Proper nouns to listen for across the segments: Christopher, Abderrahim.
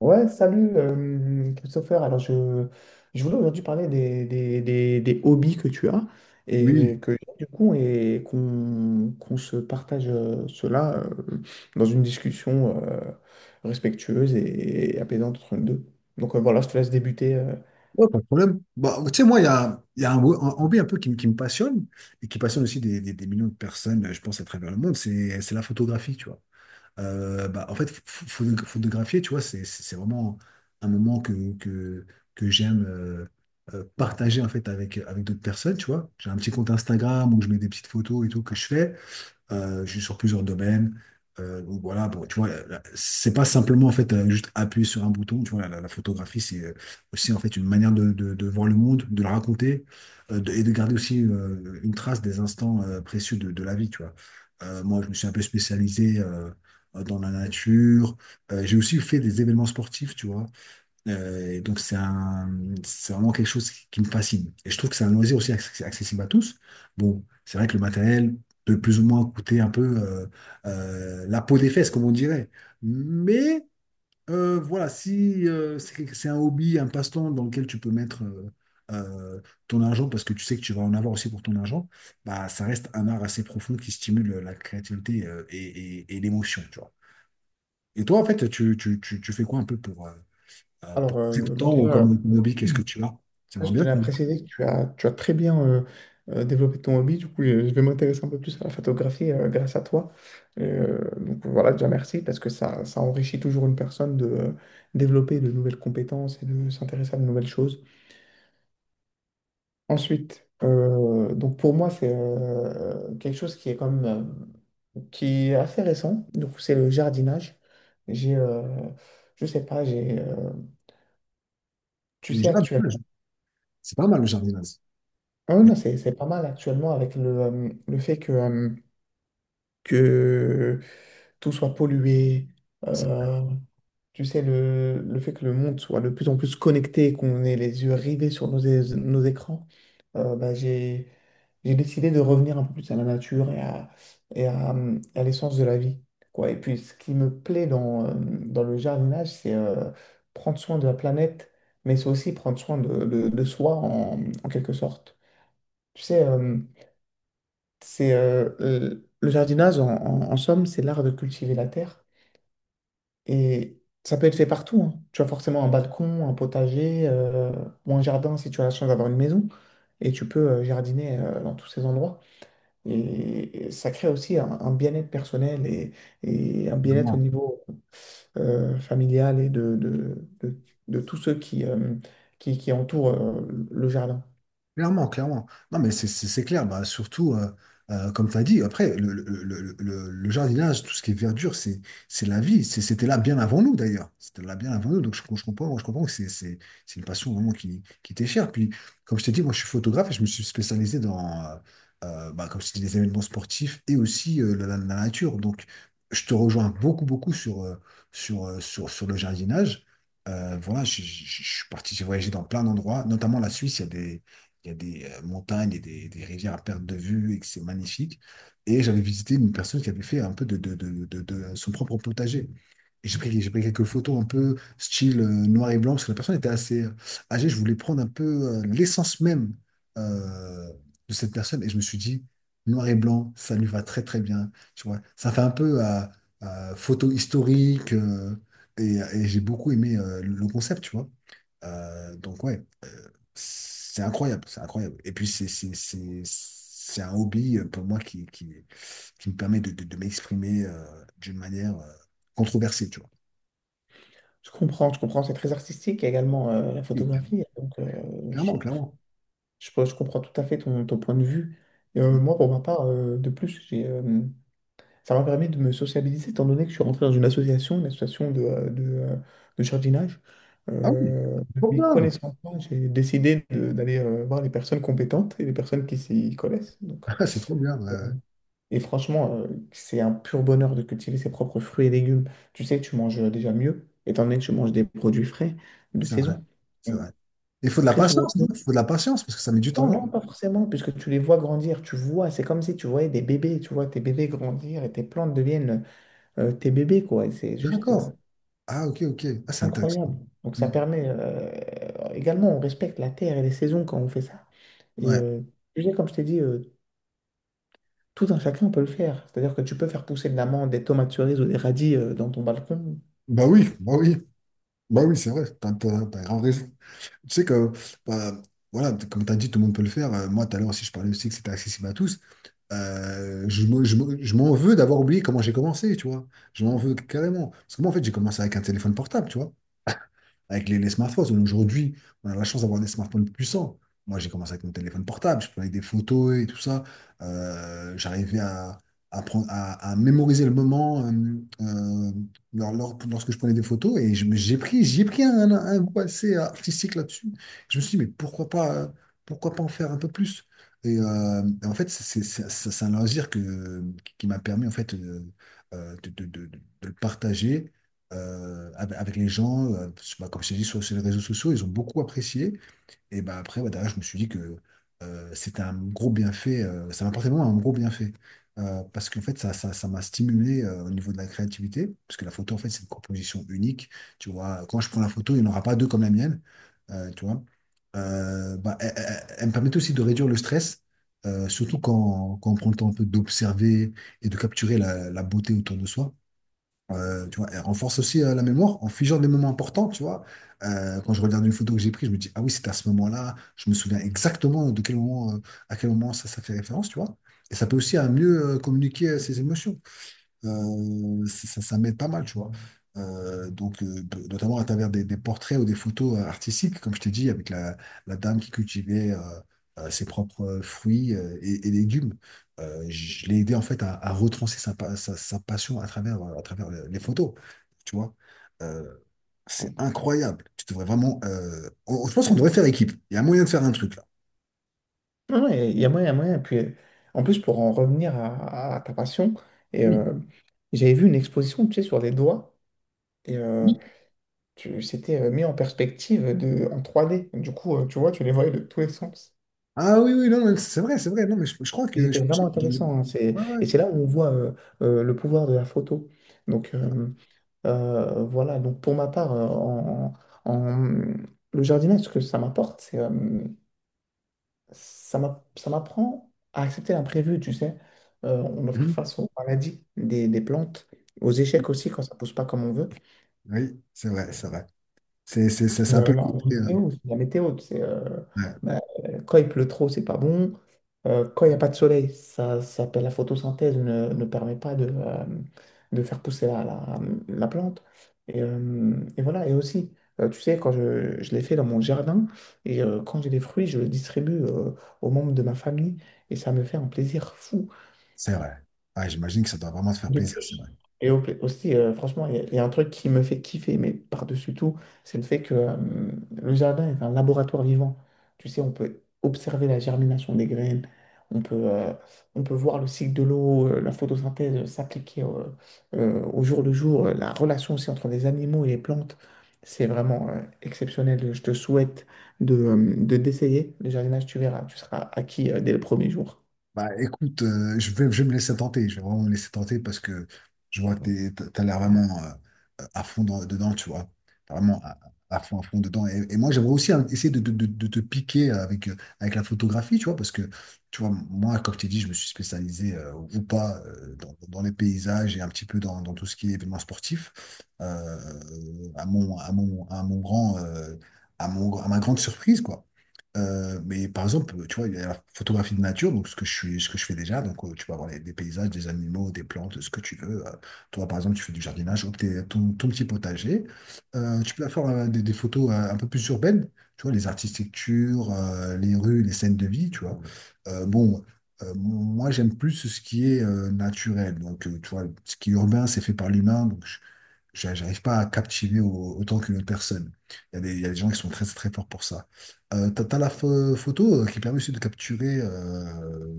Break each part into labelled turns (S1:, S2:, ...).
S1: Ouais, salut Christopher. Alors, je voulais aujourd'hui parler des hobbies que tu as et
S2: Oui,
S1: que j'ai, du coup, et qu'on se partage cela dans une discussion respectueuse et apaisante entre nous deux. Donc, voilà, je te laisse débuter.
S2: ouais, pas de problème. Bah, tu sais, moi, il y a un, un hobby un peu qui me passionne et qui passionne aussi des millions de personnes, je pense, à travers le monde, c'est la photographie, tu vois. Bah, en fait, photographier, tu vois, c'est vraiment un moment que j'aime partager en fait avec, avec d'autres personnes, tu vois. J'ai un petit compte Instagram où je mets des petites photos et tout que je fais. Sur plusieurs domaines. Donc voilà, bon, tu vois, c'est pas simplement en fait juste appuyer sur un bouton. Tu vois, la photographie, c'est aussi en fait une manière de, de voir le monde, de le raconter et de garder aussi une trace des instants précieux de la vie. Tu vois. Moi, je me suis un peu spécialisé dans la nature. J'ai aussi fait des événements sportifs, tu vois. Euh, et donc c'est un, c'est vraiment quelque chose qui me fascine. Et je trouve que c'est un loisir aussi accessible à tous. Bon, c'est vrai que le matériel peut plus ou moins coûter un peu la peau des fesses, comme on dirait. Mais voilà, si c'est un hobby, un passe-temps dans lequel tu peux mettre euh, ton argent, parce que tu sais que tu vas en avoir aussi pour ton argent, bah ça reste un art assez profond qui stimule la créativité et l'émotion, tu vois. Et toi, en fait, tu fais quoi un peu
S1: Alors,
S2: pour passer ton
S1: bah,
S2: temps ou
S1: déjà,
S2: comme hobby, qu'est-ce que tu as?
S1: ah,
S2: J'aimerais
S1: je
S2: bien
S1: tenais à
S2: ça.
S1: préciser que tu as très bien développé ton hobby. Du coup, je vais m'intéresser un peu plus à la photographie grâce à toi. Donc voilà, déjà merci parce que ça enrichit toujours une personne de développer de nouvelles compétences et de s'intéresser à de nouvelles choses. Ensuite, donc pour moi, c'est quelque chose qui est quand même, qui est assez récent. Donc c'est le jardinage. J'ai, euh, je sais pas, tu
S2: Le
S1: sais actuellement.
S2: jardinage, c'est pas mal le jardinage.
S1: Ah
S2: Mais
S1: non, c'est pas mal actuellement avec le fait que tout soit pollué,
S2: c'est-
S1: euh, tu sais, le fait que le monde soit de plus en plus connecté, qu'on ait les yeux rivés sur nos écrans, bah, j'ai décidé de revenir un peu plus à la nature à l'essence de la vie, quoi. Et puis, ce qui me plaît dans le jardinage, c'est prendre soin de la planète, mais c'est aussi prendre soin de soi en, en quelque sorte. Tu sais, c'est le jardinage, en somme, c'est l'art de cultiver la terre. Et ça peut être fait partout, hein. Tu as forcément un balcon, un potager ou un jardin si tu as la chance d'avoir une maison. Et tu peux jardiner dans tous ces endroits. Et ça crée aussi un bien-être personnel et un bien-être au niveau familial et de tous ceux qui entourent le jardin.
S2: Clairement, clairement. Non, mais c'est clair. Bah, surtout, comme tu as dit, après, le jardinage, tout ce qui est verdure, c'est la vie. C'était là bien avant nous, d'ailleurs. C'était là bien avant nous. Donc, je comprends que c'est une passion vraiment qui t'est chère. Puis, comme je t'ai dit, moi, je suis photographe et je me suis spécialisé dans, euh, bah, comme je t'ai dit, les événements sportifs et aussi la, la nature. Donc, je te rejoins beaucoup, beaucoup sur, sur le jardinage. Voilà, je suis parti voyager dans plein d'endroits, notamment la Suisse. Il y a des montagnes et des rivières à perte de vue et que c'est magnifique. Et j'avais visité une personne qui avait fait un peu de son propre potager. Et j'ai pris quelques photos un peu style noir et blanc, parce que la personne était assez âgée. Je voulais prendre un peu l'essence même euh, de cette personne. Et je me suis dit, noir et blanc, ça lui va très très bien. Tu vois, ça fait un peu à photo historique. Et j'ai beaucoup aimé le concept, tu vois. Donc ouais, c'est incroyable, c'est incroyable. Et puis, c'est un hobby pour moi qui me permet de m'exprimer d'une manière controversée, tu vois.
S1: Je comprends, c'est très artistique, il y a également la
S2: Et,
S1: photographie, donc
S2: clairement, clairement.
S1: Je comprends tout à fait ton, ton point de vue. Et, moi, pour ma part, de plus, ça m'a permis de me sociabiliser, étant donné que je suis rentré dans une association de jardinage.
S2: Ah oui,
S1: De
S2: trop
S1: mes
S2: bien.
S1: connaissances, j'ai décidé d'aller voir les personnes compétentes et les personnes qui s'y connaissent. Donc,
S2: C'est trop bien. Ouais, ouais.
S1: et franchement, c'est un pur bonheur de cultiver ses propres fruits et légumes. Tu sais, tu manges déjà mieux, étant donné que tu manges des produits frais de
S2: C'est vrai,
S1: saison.
S2: c'est
S1: Donc,
S2: vrai. Il faut de la
S1: très souvent,
S2: patience, non? Il faut de la patience parce que ça met du temps,
S1: Non,
S2: non?
S1: pas forcément, puisque tu les vois grandir, tu vois, c'est comme si tu voyais des bébés, tu vois tes bébés grandir et tes plantes deviennent tes bébés, quoi, et c'est juste
S2: D'accord. Ah, ok, ok. Ah, c'est intéressant.
S1: incroyable. Donc ça
S2: Hmm.
S1: permet également, on respecte la terre et les saisons quand on fait ça. Et
S2: Ouais.
S1: tu sais, comme je t'ai dit, tout un chacun peut le faire. C'est-à-dire que tu peux faire pousser de l'amande, des tomates cerises ou des radis dans ton balcon.
S2: Bah oui, bah oui. Bah oui, c'est vrai. T'as grave raison. Tu sais que, bah, voilà, comme tu as dit, tout le monde peut le faire. Moi, tout à l'heure aussi, je parlais aussi que c'était accessible à tous. Je m'en veux d'avoir oublié comment j'ai commencé, tu vois. Je m'en veux carrément. Parce que moi, en fait, j'ai commencé avec un téléphone portable, tu vois avec les smartphones. Aujourd'hui, on a la chance d'avoir des smartphones puissants. Moi, j'ai commencé avec mon téléphone portable, je prenais des photos et tout ça. J'arrivais à mémoriser le moment euh, lorsque je prenais des photos et je me- j'ai pris un goût assez artistique là-dessus. Je me suis dit, mais pourquoi pas en faire un peu plus? Et en fait, c'est un loisir que, qui m'a permis en fait, de le partager avec, avec les gens, parce que, bah, comme je t'ai dit, sur, sur les réseaux sociaux, ils ont beaucoup apprécié. Et bah, après, bah, derrière, je me suis dit que c'était un gros bienfait, ça m'a apporté vraiment un gros bienfait. Parce qu'en fait, ça m'a stimulé au niveau de la créativité, parce que la photo, en fait, c'est une composition unique. Tu vois, quand je prends la photo, il n'y en aura pas deux comme la mienne. Tu vois. Bah, elle me permet aussi de réduire le stress. Surtout quand, quand on prend le temps un peu d'observer et de capturer la, la beauté autour de soi. Tu vois, elle renforce aussi la mémoire en figeant des moments importants, tu vois. Quand je regarde une photo que j'ai prise, je me dis, ah oui, c'était à ce moment-là, je me souviens exactement de quel moment, à quel moment ça fait référence, tu vois. Et ça peut aussi à mieux communiquer ses émotions. Ça m'aide pas mal, tu vois. Notamment à travers des portraits ou des photos artistiques, comme je t'ai dit, avec la, la dame qui cultivait ses propres fruits et légumes. Je l'ai aidé en fait à retracer sa passion à travers les photos, tu vois. Euh, c'est incroyable. Tu devrais vraiment. Je pense qu'on devrait faire équipe. Il y a moyen de faire un truc là.
S1: Non, non, il y a moyen, il y a moyen. Puis, en plus, pour en revenir à ta passion, et,
S2: Oui.
S1: j'avais vu une exposition, tu sais, sur les doigts. Et,
S2: Oui.
S1: tu, c'était mis en perspective de, en 3D. Du coup, tu vois, tu les voyais de tous les sens.
S2: Ah oui, oui, non, mais c'est vrai, c'est vrai. Non, mais je crois
S1: Et
S2: que.
S1: c'était vraiment
S2: Je-
S1: intéressant, hein. C'est,
S2: Ouais, ouais.
S1: et c'est là où on voit le pouvoir de la photo. Donc, voilà. Donc, pour ma part, en- le jardinage, ce que ça m'apporte, c'est, ça m'apprend à accepter l'imprévu, tu sais. On doit faire
S2: Mhm.
S1: face aux maladies des plantes, aux échecs aussi quand ça pousse pas comme on veut.
S2: Oui, c'est vrai, c'est vrai.
S1: Et,
S2: C'est un peu le
S1: non, la
S2: côté.
S1: météo, c'est la météo,
S2: Ouais,
S1: bah, quand il pleut trop, c'est pas bon. Quand il n'y a pas de soleil, ça s'appelle la photosynthèse, ne permet pas de, de faire pousser la plante. Et voilà, et aussi, tu sais, quand je l'ai fait dans mon jardin, et quand j'ai des fruits, je le distribue aux membres de ma famille, et ça me fait un plaisir fou.
S2: c'est vrai. Ouais, j'imagine que ça doit vraiment te faire
S1: De
S2: plaisir, c'est
S1: plus.
S2: vrai.
S1: Aussi, franchement, il y a un truc qui me fait kiffer, mais par-dessus tout, c'est le fait que le jardin est un laboratoire vivant. Tu sais, on peut observer la germination des graines, on peut, euh, on peut voir le cycle de l'eau, la photosynthèse s'appliquer au jour le jour, la relation aussi entre les animaux et les plantes. C'est vraiment exceptionnel. Je te souhaite de d'essayer le jardinage, tu verras, tu seras acquis dès le premier jour.
S2: Bah écoute, je vais me laisser tenter, je vais vraiment me laisser tenter parce que je vois que tu as l'air vraiment à fond dedans, tu vois. T'as vraiment à fond dedans. Et moi, j'aimerais aussi hein, essayer de te piquer avec, avec la photographie, tu vois, parce que, tu vois, moi, comme je t'ai dit, je me suis spécialisé ou pas dans, dans les paysages et un petit peu dans, dans tout ce qui est événement sportif. Euh, à mon grand, à ma grande surprise, quoi. Mais par exemple, tu vois, il y a la photographie de nature, donc ce que je suis, ce que je fais déjà. Donc, tu peux avoir des paysages, des animaux, des plantes, ce que tu veux. Toi, par exemple, tu fais du jardinage, ou ton, ton petit potager. Tu peux faire des photos un peu plus urbaines, tu vois, les architectures, les rues, les scènes de vie, tu vois. Euh, bon, Moi, j'aime plus ce qui est naturel. Donc, tu vois, ce qui est urbain, c'est fait par l'humain. J'arrive pas à captiver autant qu'une autre personne. Il y a des gens qui sont très très forts pour ça. T'as la photo qui permet aussi de capturer,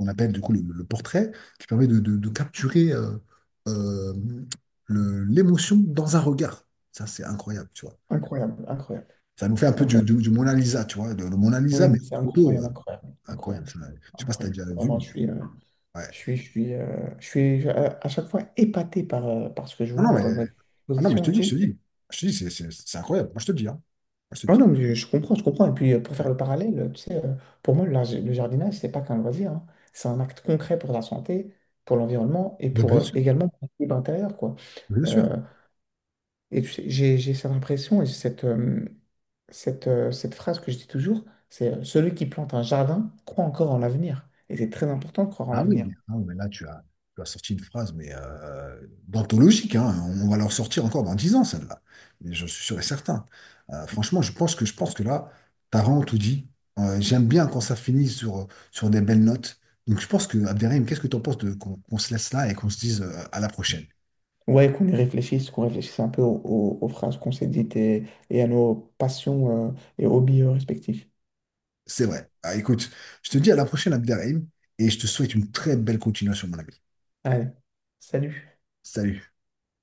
S2: on appelle du coup le portrait, qui permet de capturer euh, l'émotion dans un regard. Ça, c'est incroyable, tu vois.
S1: Incroyable, incroyable,
S2: Ça nous fait un peu
S1: incroyable.
S2: du Mona Lisa, tu vois, le Mona
S1: Oui,
S2: Lisa, mais
S1: mais c'est
S2: en photo,
S1: incroyable, incroyable,
S2: incroyable
S1: incroyable,
S2: ça. Je sais pas si t'as
S1: incroyable.
S2: déjà vu,
S1: Vraiment,
S2: mais ouais.
S1: je suis, à chaque fois épaté par, par ce que je
S2: Non, non,
S1: vois
S2: mais,
S1: quand je vois des
S2: ah non, mais
S1: expositions et tout.
S2: je te dis, c'est incroyable. Moi, je te dis, hein. Moi, je te
S1: Ah
S2: dis.
S1: non, mais je comprends, je comprends. Et puis, pour faire le parallèle, tu sais, pour moi, le jardinage, c'est pas qu'un loisir, hein. C'est un acte concret pour la santé, pour l'environnement et
S2: Bah,
S1: pour
S2: bien sûr,
S1: également pour l'équilibre intérieur, quoi.
S2: bien sûr.
S1: Euh, Et tu sais, j'ai cette impression et cette phrase que je dis toujours, c'est celui qui plante un jardin croit encore en l'avenir. Et c'est très important de croire en l'avenir.
S2: Ah, oui, mais là, tu as sorti une phrase, mais d'anthologique, hein. On va leur sortir encore dans 10 ans, celle-là. Mais je suis sûr et certain. Franchement, je pense que là, t'as vraiment tout dit. J'aime bien quand ça finit sur, sur des belles notes. Donc, je pense que, Abderrahim, qu'est-ce que tu en penses de, qu'on se laisse là et qu'on se dise à la prochaine?
S1: Ouais, qu'on y réfléchisse, qu'on réfléchisse un peu aux phrases qu'on s'est dites et à nos passions, et hobbies respectifs.
S2: C'est vrai. Ah, écoute, je te dis à la prochaine, Abderrahim, et je te souhaite une très belle continuation, mon ami.
S1: Allez, salut.
S2: Salut.